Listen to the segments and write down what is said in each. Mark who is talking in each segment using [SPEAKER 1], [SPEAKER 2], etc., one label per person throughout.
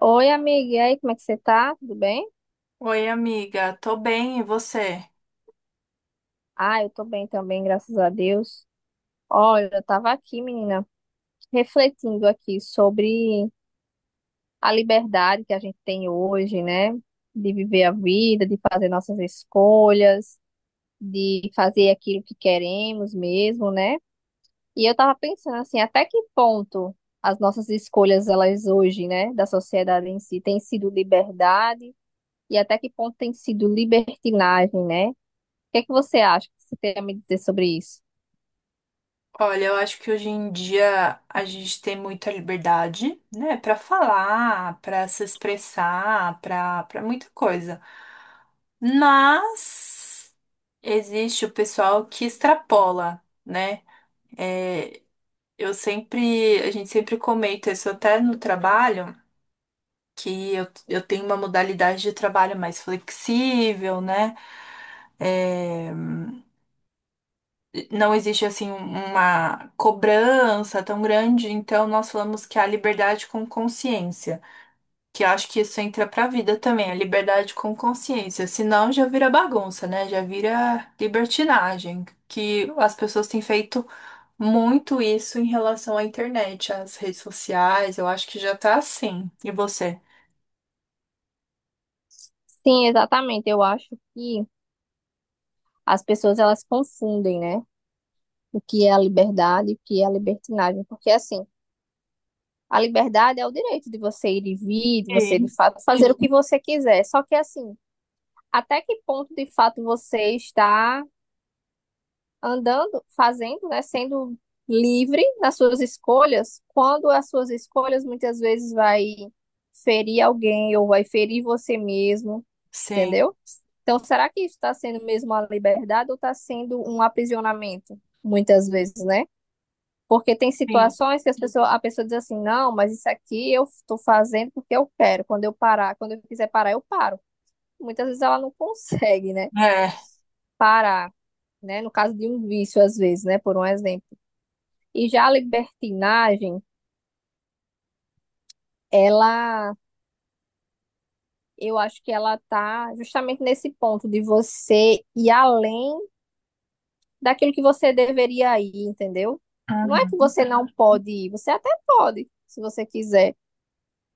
[SPEAKER 1] Oi, amiga, e aí, como é que você tá? Tudo bem?
[SPEAKER 2] Oi, amiga, tô bem, e você?
[SPEAKER 1] Ah, eu tô bem também, graças a Deus. Olha, eu tava aqui, menina, refletindo aqui sobre a liberdade que a gente tem hoje, né? De viver a vida, de fazer nossas escolhas, de fazer aquilo que queremos mesmo, né? E eu tava pensando assim, até que ponto as nossas escolhas, elas hoje, né, da sociedade em si, têm sido liberdade e até que ponto tem sido libertinagem, né? O que é que você acha que você tem a me dizer sobre isso?
[SPEAKER 2] Olha, eu acho que hoje em dia a gente tem muita liberdade, né, pra falar, pra se expressar, pra para muita coisa. Mas existe o pessoal que extrapola, né? É, eu sempre, a gente sempre comenta isso até no trabalho, que eu tenho uma modalidade de trabalho mais flexível, né? É, não existe assim uma cobrança tão grande, então nós falamos que é a liberdade com consciência, que eu acho que isso entra pra vida também, a liberdade com consciência, senão já vira bagunça, né? Já vira libertinagem, que as pessoas têm feito muito isso em relação à internet, às redes sociais, eu acho que já tá assim. E você?
[SPEAKER 1] Sim, exatamente. Eu acho que as pessoas elas confundem, né? O que é a liberdade e o que é a libertinagem. Porque, assim, a liberdade é o direito de você ir e vir, de você, de
[SPEAKER 2] Sim,
[SPEAKER 1] fato, fazer o que você quiser. Só que, assim, até que ponto, de fato, você está andando, fazendo, né? Sendo livre nas suas escolhas, quando as suas escolhas muitas vezes vai ferir alguém ou vai ferir você mesmo
[SPEAKER 2] sim.
[SPEAKER 1] entendeu? Então, será que isso está sendo mesmo uma liberdade ou está sendo um aprisionamento, muitas vezes, né? Porque tem
[SPEAKER 2] Sim.
[SPEAKER 1] situações que as pessoas, a pessoa diz assim, não, mas isso aqui eu estou fazendo porque eu quero. Quando eu parar, quando eu quiser parar, eu paro. Muitas vezes ela não consegue, né?
[SPEAKER 2] É.
[SPEAKER 1] Parar, né? No caso de um vício, às vezes, né? Por um exemplo. E já a libertinagem, ela, eu acho que ela tá justamente nesse ponto de você ir além daquilo que você deveria ir, entendeu? Não é que
[SPEAKER 2] Uhum.
[SPEAKER 1] você não pode ir, você até pode, se você quiser,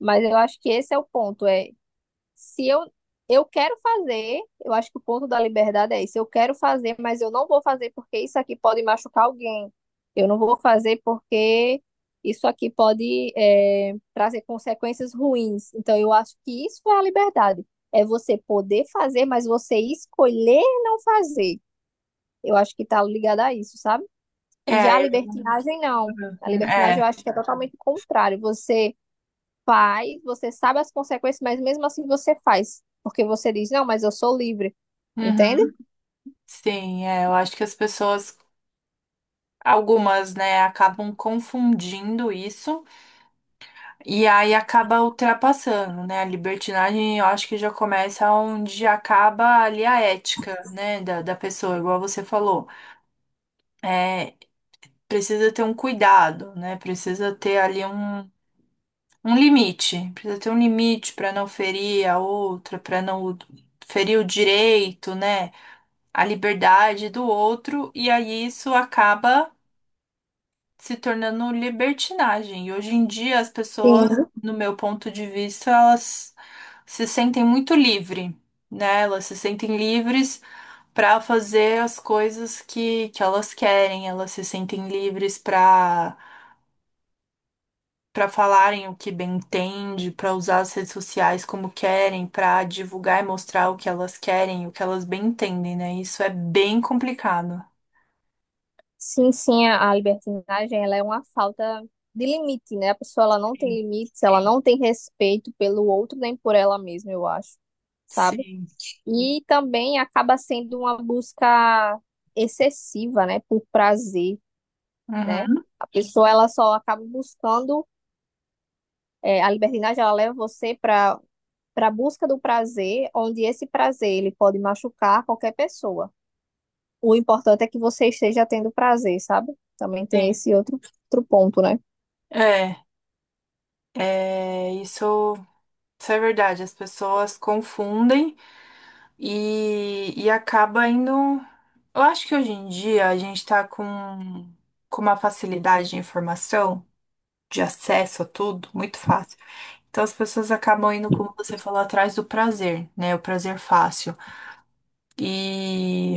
[SPEAKER 1] mas eu acho que esse é o ponto, é se eu quero fazer, eu acho que o ponto da liberdade é esse, eu quero fazer, mas eu não vou fazer porque isso aqui pode machucar alguém. Eu não vou fazer porque isso aqui pode é, trazer consequências ruins. Então, eu acho que isso é a liberdade. É você poder fazer, mas você escolher não fazer. Eu acho que tá ligado a isso, sabe? E já a
[SPEAKER 2] É,
[SPEAKER 1] libertinagem, não. A libertinagem eu
[SPEAKER 2] é.
[SPEAKER 1] acho que é totalmente o contrário. Você faz, você sabe as consequências, mas mesmo assim você faz. Porque você diz, não, mas eu sou livre. Entende?
[SPEAKER 2] Uhum. Sim, é, eu acho que as pessoas algumas, né, acabam confundindo isso e aí acaba ultrapassando, né? A libertinagem eu acho que já começa onde acaba ali a ética, né, da pessoa, igual você falou. É, precisa ter um cuidado, né? Precisa ter ali um limite, precisa ter um limite para não ferir a outra, para não ferir o direito, né? A liberdade do outro, e aí isso acaba se tornando libertinagem. E hoje em dia as pessoas,
[SPEAKER 1] Sim.
[SPEAKER 2] no meu ponto de vista, elas se sentem muito livre, né? Elas se sentem livres para fazer as coisas que elas querem, elas se sentem livres para falarem o que bem entende, para usar as redes sociais como querem, para divulgar e mostrar o que elas querem, o que elas bem entendem, né? Isso é bem complicado.
[SPEAKER 1] Sim, sim, a libertinagem, ela é uma falta de limite, né? A pessoa, ela não tem limites, ela não tem respeito pelo outro nem por ela mesma, eu acho, sabe?
[SPEAKER 2] Sim.
[SPEAKER 1] E também acaba sendo uma busca excessiva, né? Por prazer, né?
[SPEAKER 2] Uhum.
[SPEAKER 1] A pessoa, ela só acaba buscando é, a libertinagem ela leva você para a busca do prazer, onde esse prazer ele pode machucar qualquer pessoa. O importante é que você esteja tendo prazer, sabe? Também tem
[SPEAKER 2] Sim.
[SPEAKER 1] esse outro ponto, né?
[SPEAKER 2] É, isso. Isso é verdade, as pessoas confundem e acaba indo. Eu acho que hoje em dia a gente tá com uma facilidade de informação, de acesso a tudo, muito fácil. Então as pessoas acabam indo, como você falou, atrás do prazer, né? O prazer fácil. E,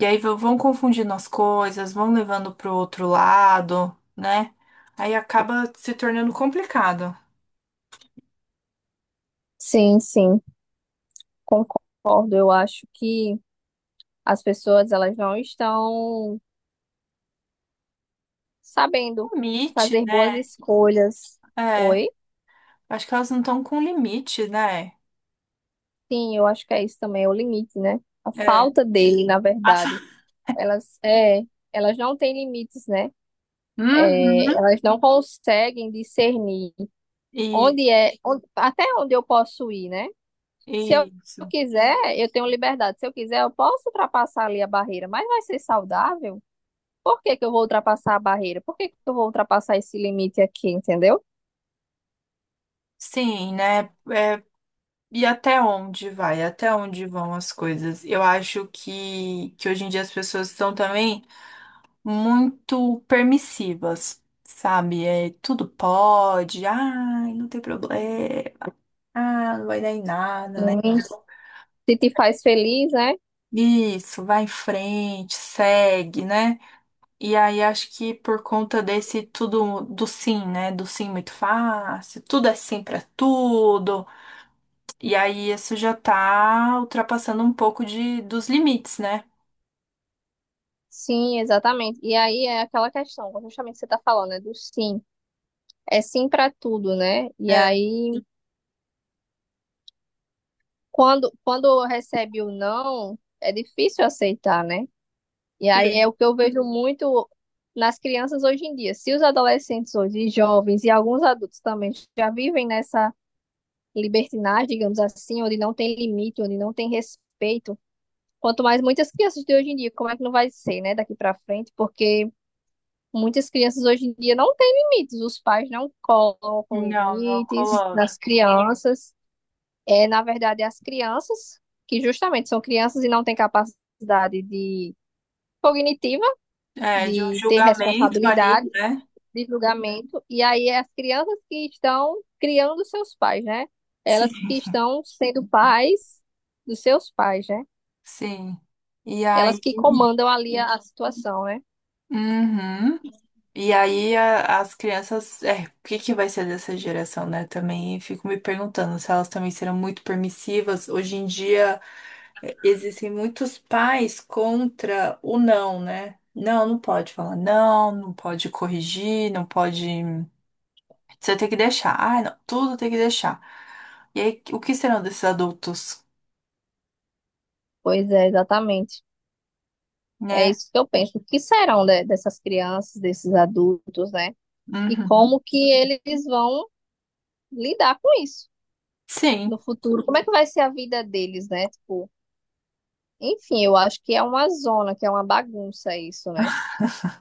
[SPEAKER 2] e aí vão confundindo as coisas, vão levando pro outro lado, né? Aí acaba se tornando complicado.
[SPEAKER 1] Sim, sim, concordo. Eu acho que as pessoas elas não estão sabendo
[SPEAKER 2] Limite,
[SPEAKER 1] fazer boas
[SPEAKER 2] né?
[SPEAKER 1] escolhas.
[SPEAKER 2] É,
[SPEAKER 1] Oi?
[SPEAKER 2] acho que elas não estão com limite, né?
[SPEAKER 1] Sim, eu acho que é isso também, é o limite, né? A
[SPEAKER 2] É.
[SPEAKER 1] falta dele, na
[SPEAKER 2] A fa-
[SPEAKER 1] verdade. Elas, é, elas não têm limites, né? É,
[SPEAKER 2] Uhum.
[SPEAKER 1] elas não conseguem discernir
[SPEAKER 2] E,
[SPEAKER 1] até onde eu posso ir, né? Se eu
[SPEAKER 2] isso.
[SPEAKER 1] quiser, eu tenho liberdade. Se eu quiser, eu posso ultrapassar ali a barreira, mas vai ser saudável? Por que que eu vou ultrapassar a barreira? Por que que eu vou ultrapassar esse limite aqui, entendeu?
[SPEAKER 2] Sim, né? É, e até onde vai? Até onde vão as coisas? Eu acho que hoje em dia as pessoas estão também muito permissivas, sabe? É, tudo pode, ai, não tem problema, ah, não vai dar em nada, né?
[SPEAKER 1] Hum.
[SPEAKER 2] Então,
[SPEAKER 1] Se te faz feliz, né?
[SPEAKER 2] isso, vai em frente, segue, né? E aí acho que por conta desse tudo do sim, né? Do sim muito fácil, tudo é sim pra tudo. E aí isso já tá ultrapassando um pouco de dos limites, né?
[SPEAKER 1] Sim, exatamente. E aí é aquela questão, justamente você tá falando, né, do sim. É sim para tudo, né? E
[SPEAKER 2] É,
[SPEAKER 1] aí, quando recebe o não, é difícil aceitar, né? E aí é o
[SPEAKER 2] sim.
[SPEAKER 1] que eu vejo muito nas crianças hoje em dia. Se os adolescentes hoje, e jovens e alguns adultos também já vivem nessa libertinagem, digamos assim, onde não tem limite, onde não tem respeito, quanto mais muitas crianças de hoje em dia, como é que não vai ser, né, daqui para frente? Porque muitas crianças hoje em dia não têm limites, os pais não colocam
[SPEAKER 2] Não, não
[SPEAKER 1] limites
[SPEAKER 2] coloca.
[SPEAKER 1] nas crianças. É, na verdade, as crianças que justamente são crianças e não têm capacidade de cognitiva
[SPEAKER 2] É, de um
[SPEAKER 1] de ter
[SPEAKER 2] julgamento ali,
[SPEAKER 1] responsabilidade,
[SPEAKER 2] né?
[SPEAKER 1] de julgamento, e aí as crianças que estão criando seus pais, né?
[SPEAKER 2] Sim.
[SPEAKER 1] Elas que estão sendo pais dos seus pais, né?
[SPEAKER 2] Sim. E
[SPEAKER 1] Elas
[SPEAKER 2] aí,
[SPEAKER 1] que comandam ali a situação, né?
[SPEAKER 2] uhum. E aí as crianças, é, o que que vai ser dessa geração, né? Também fico me perguntando se elas também serão muito permissivas. Hoje em dia é, existem muitos pais contra o não, né? Não, não pode falar não, não pode corrigir, não pode. Você tem que deixar. Ah, não, tudo tem que deixar. E aí, o que serão desses adultos,
[SPEAKER 1] Pois é, exatamente. É
[SPEAKER 2] né?
[SPEAKER 1] isso que eu penso. O que serão dessas crianças, desses adultos, né? E
[SPEAKER 2] Uhum.
[SPEAKER 1] como que eles vão lidar com isso no
[SPEAKER 2] Sim,
[SPEAKER 1] futuro? Como é que vai ser a vida deles, né? Tipo, enfim, eu acho que é uma zona, que é uma bagunça isso, né?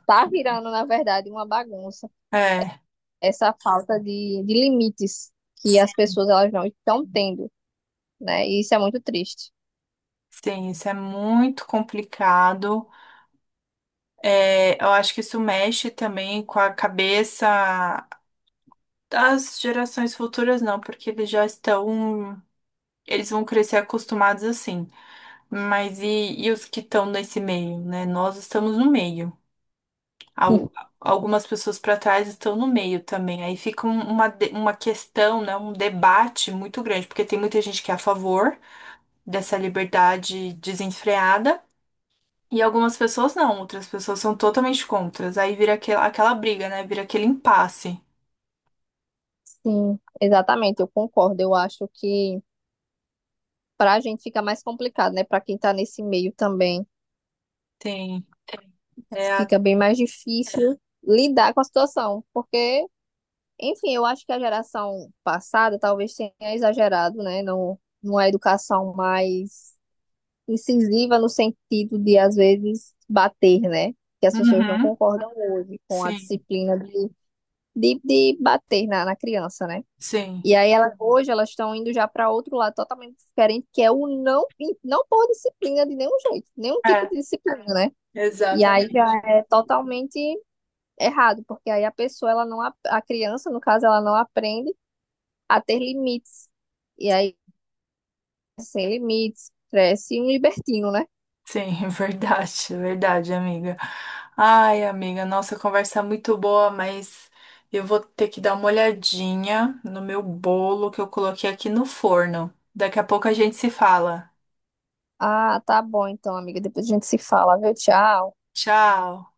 [SPEAKER 1] Tá virando, na verdade, uma bagunça
[SPEAKER 2] é.
[SPEAKER 1] essa falta de limites que as pessoas elas não estão tendo, né? E isso é muito triste.
[SPEAKER 2] Sim, isso é muito complicado. É, eu acho que isso mexe também com a cabeça das gerações futuras, não, porque eles já estão, eles vão crescer acostumados assim. Mas e os que estão nesse meio, né? Nós estamos no meio. Al- Algumas pessoas para trás estão no meio também. Aí fica uma questão, né? Um debate muito grande, porque tem muita gente que é a favor dessa liberdade desenfreada. E algumas pessoas não, outras pessoas são totalmente contras. Aí vira aquela briga, né? Vira aquele impasse.
[SPEAKER 1] Sim, exatamente, eu concordo. Eu acho que para a gente fica mais complicado, né? Para quem tá nesse meio também,
[SPEAKER 2] Sim. É a...
[SPEAKER 1] fica bem mais difícil lidar com a situação, porque, enfim, eu acho que a geração passada talvez tenha exagerado, né, no, numa educação mais incisiva no sentido de, às vezes, bater, né? Que as pessoas não
[SPEAKER 2] Uhum.
[SPEAKER 1] concordam hoje com a
[SPEAKER 2] Sim,
[SPEAKER 1] disciplina de bater na criança, né?
[SPEAKER 2] sim.
[SPEAKER 1] E aí ela, hoje elas estão indo já para outro lado totalmente diferente, que é o não, não por disciplina de nenhum jeito, nenhum tipo
[SPEAKER 2] É,
[SPEAKER 1] de disciplina, né? E aí já
[SPEAKER 2] exatamente.
[SPEAKER 1] é totalmente errado, porque aí a pessoa, ela não, a criança, no caso, ela não aprende a ter limites. E aí, sem limites, cresce um libertino, né?
[SPEAKER 2] Sim, verdade, é verdade, amiga. Ai, amiga, nossa, a conversa é muito boa, mas eu vou ter que dar uma olhadinha no meu bolo que eu coloquei aqui no forno. Daqui a pouco a gente se fala.
[SPEAKER 1] Ah, tá bom então, amiga. Depois a gente se fala, viu? Tchau.
[SPEAKER 2] Tchau.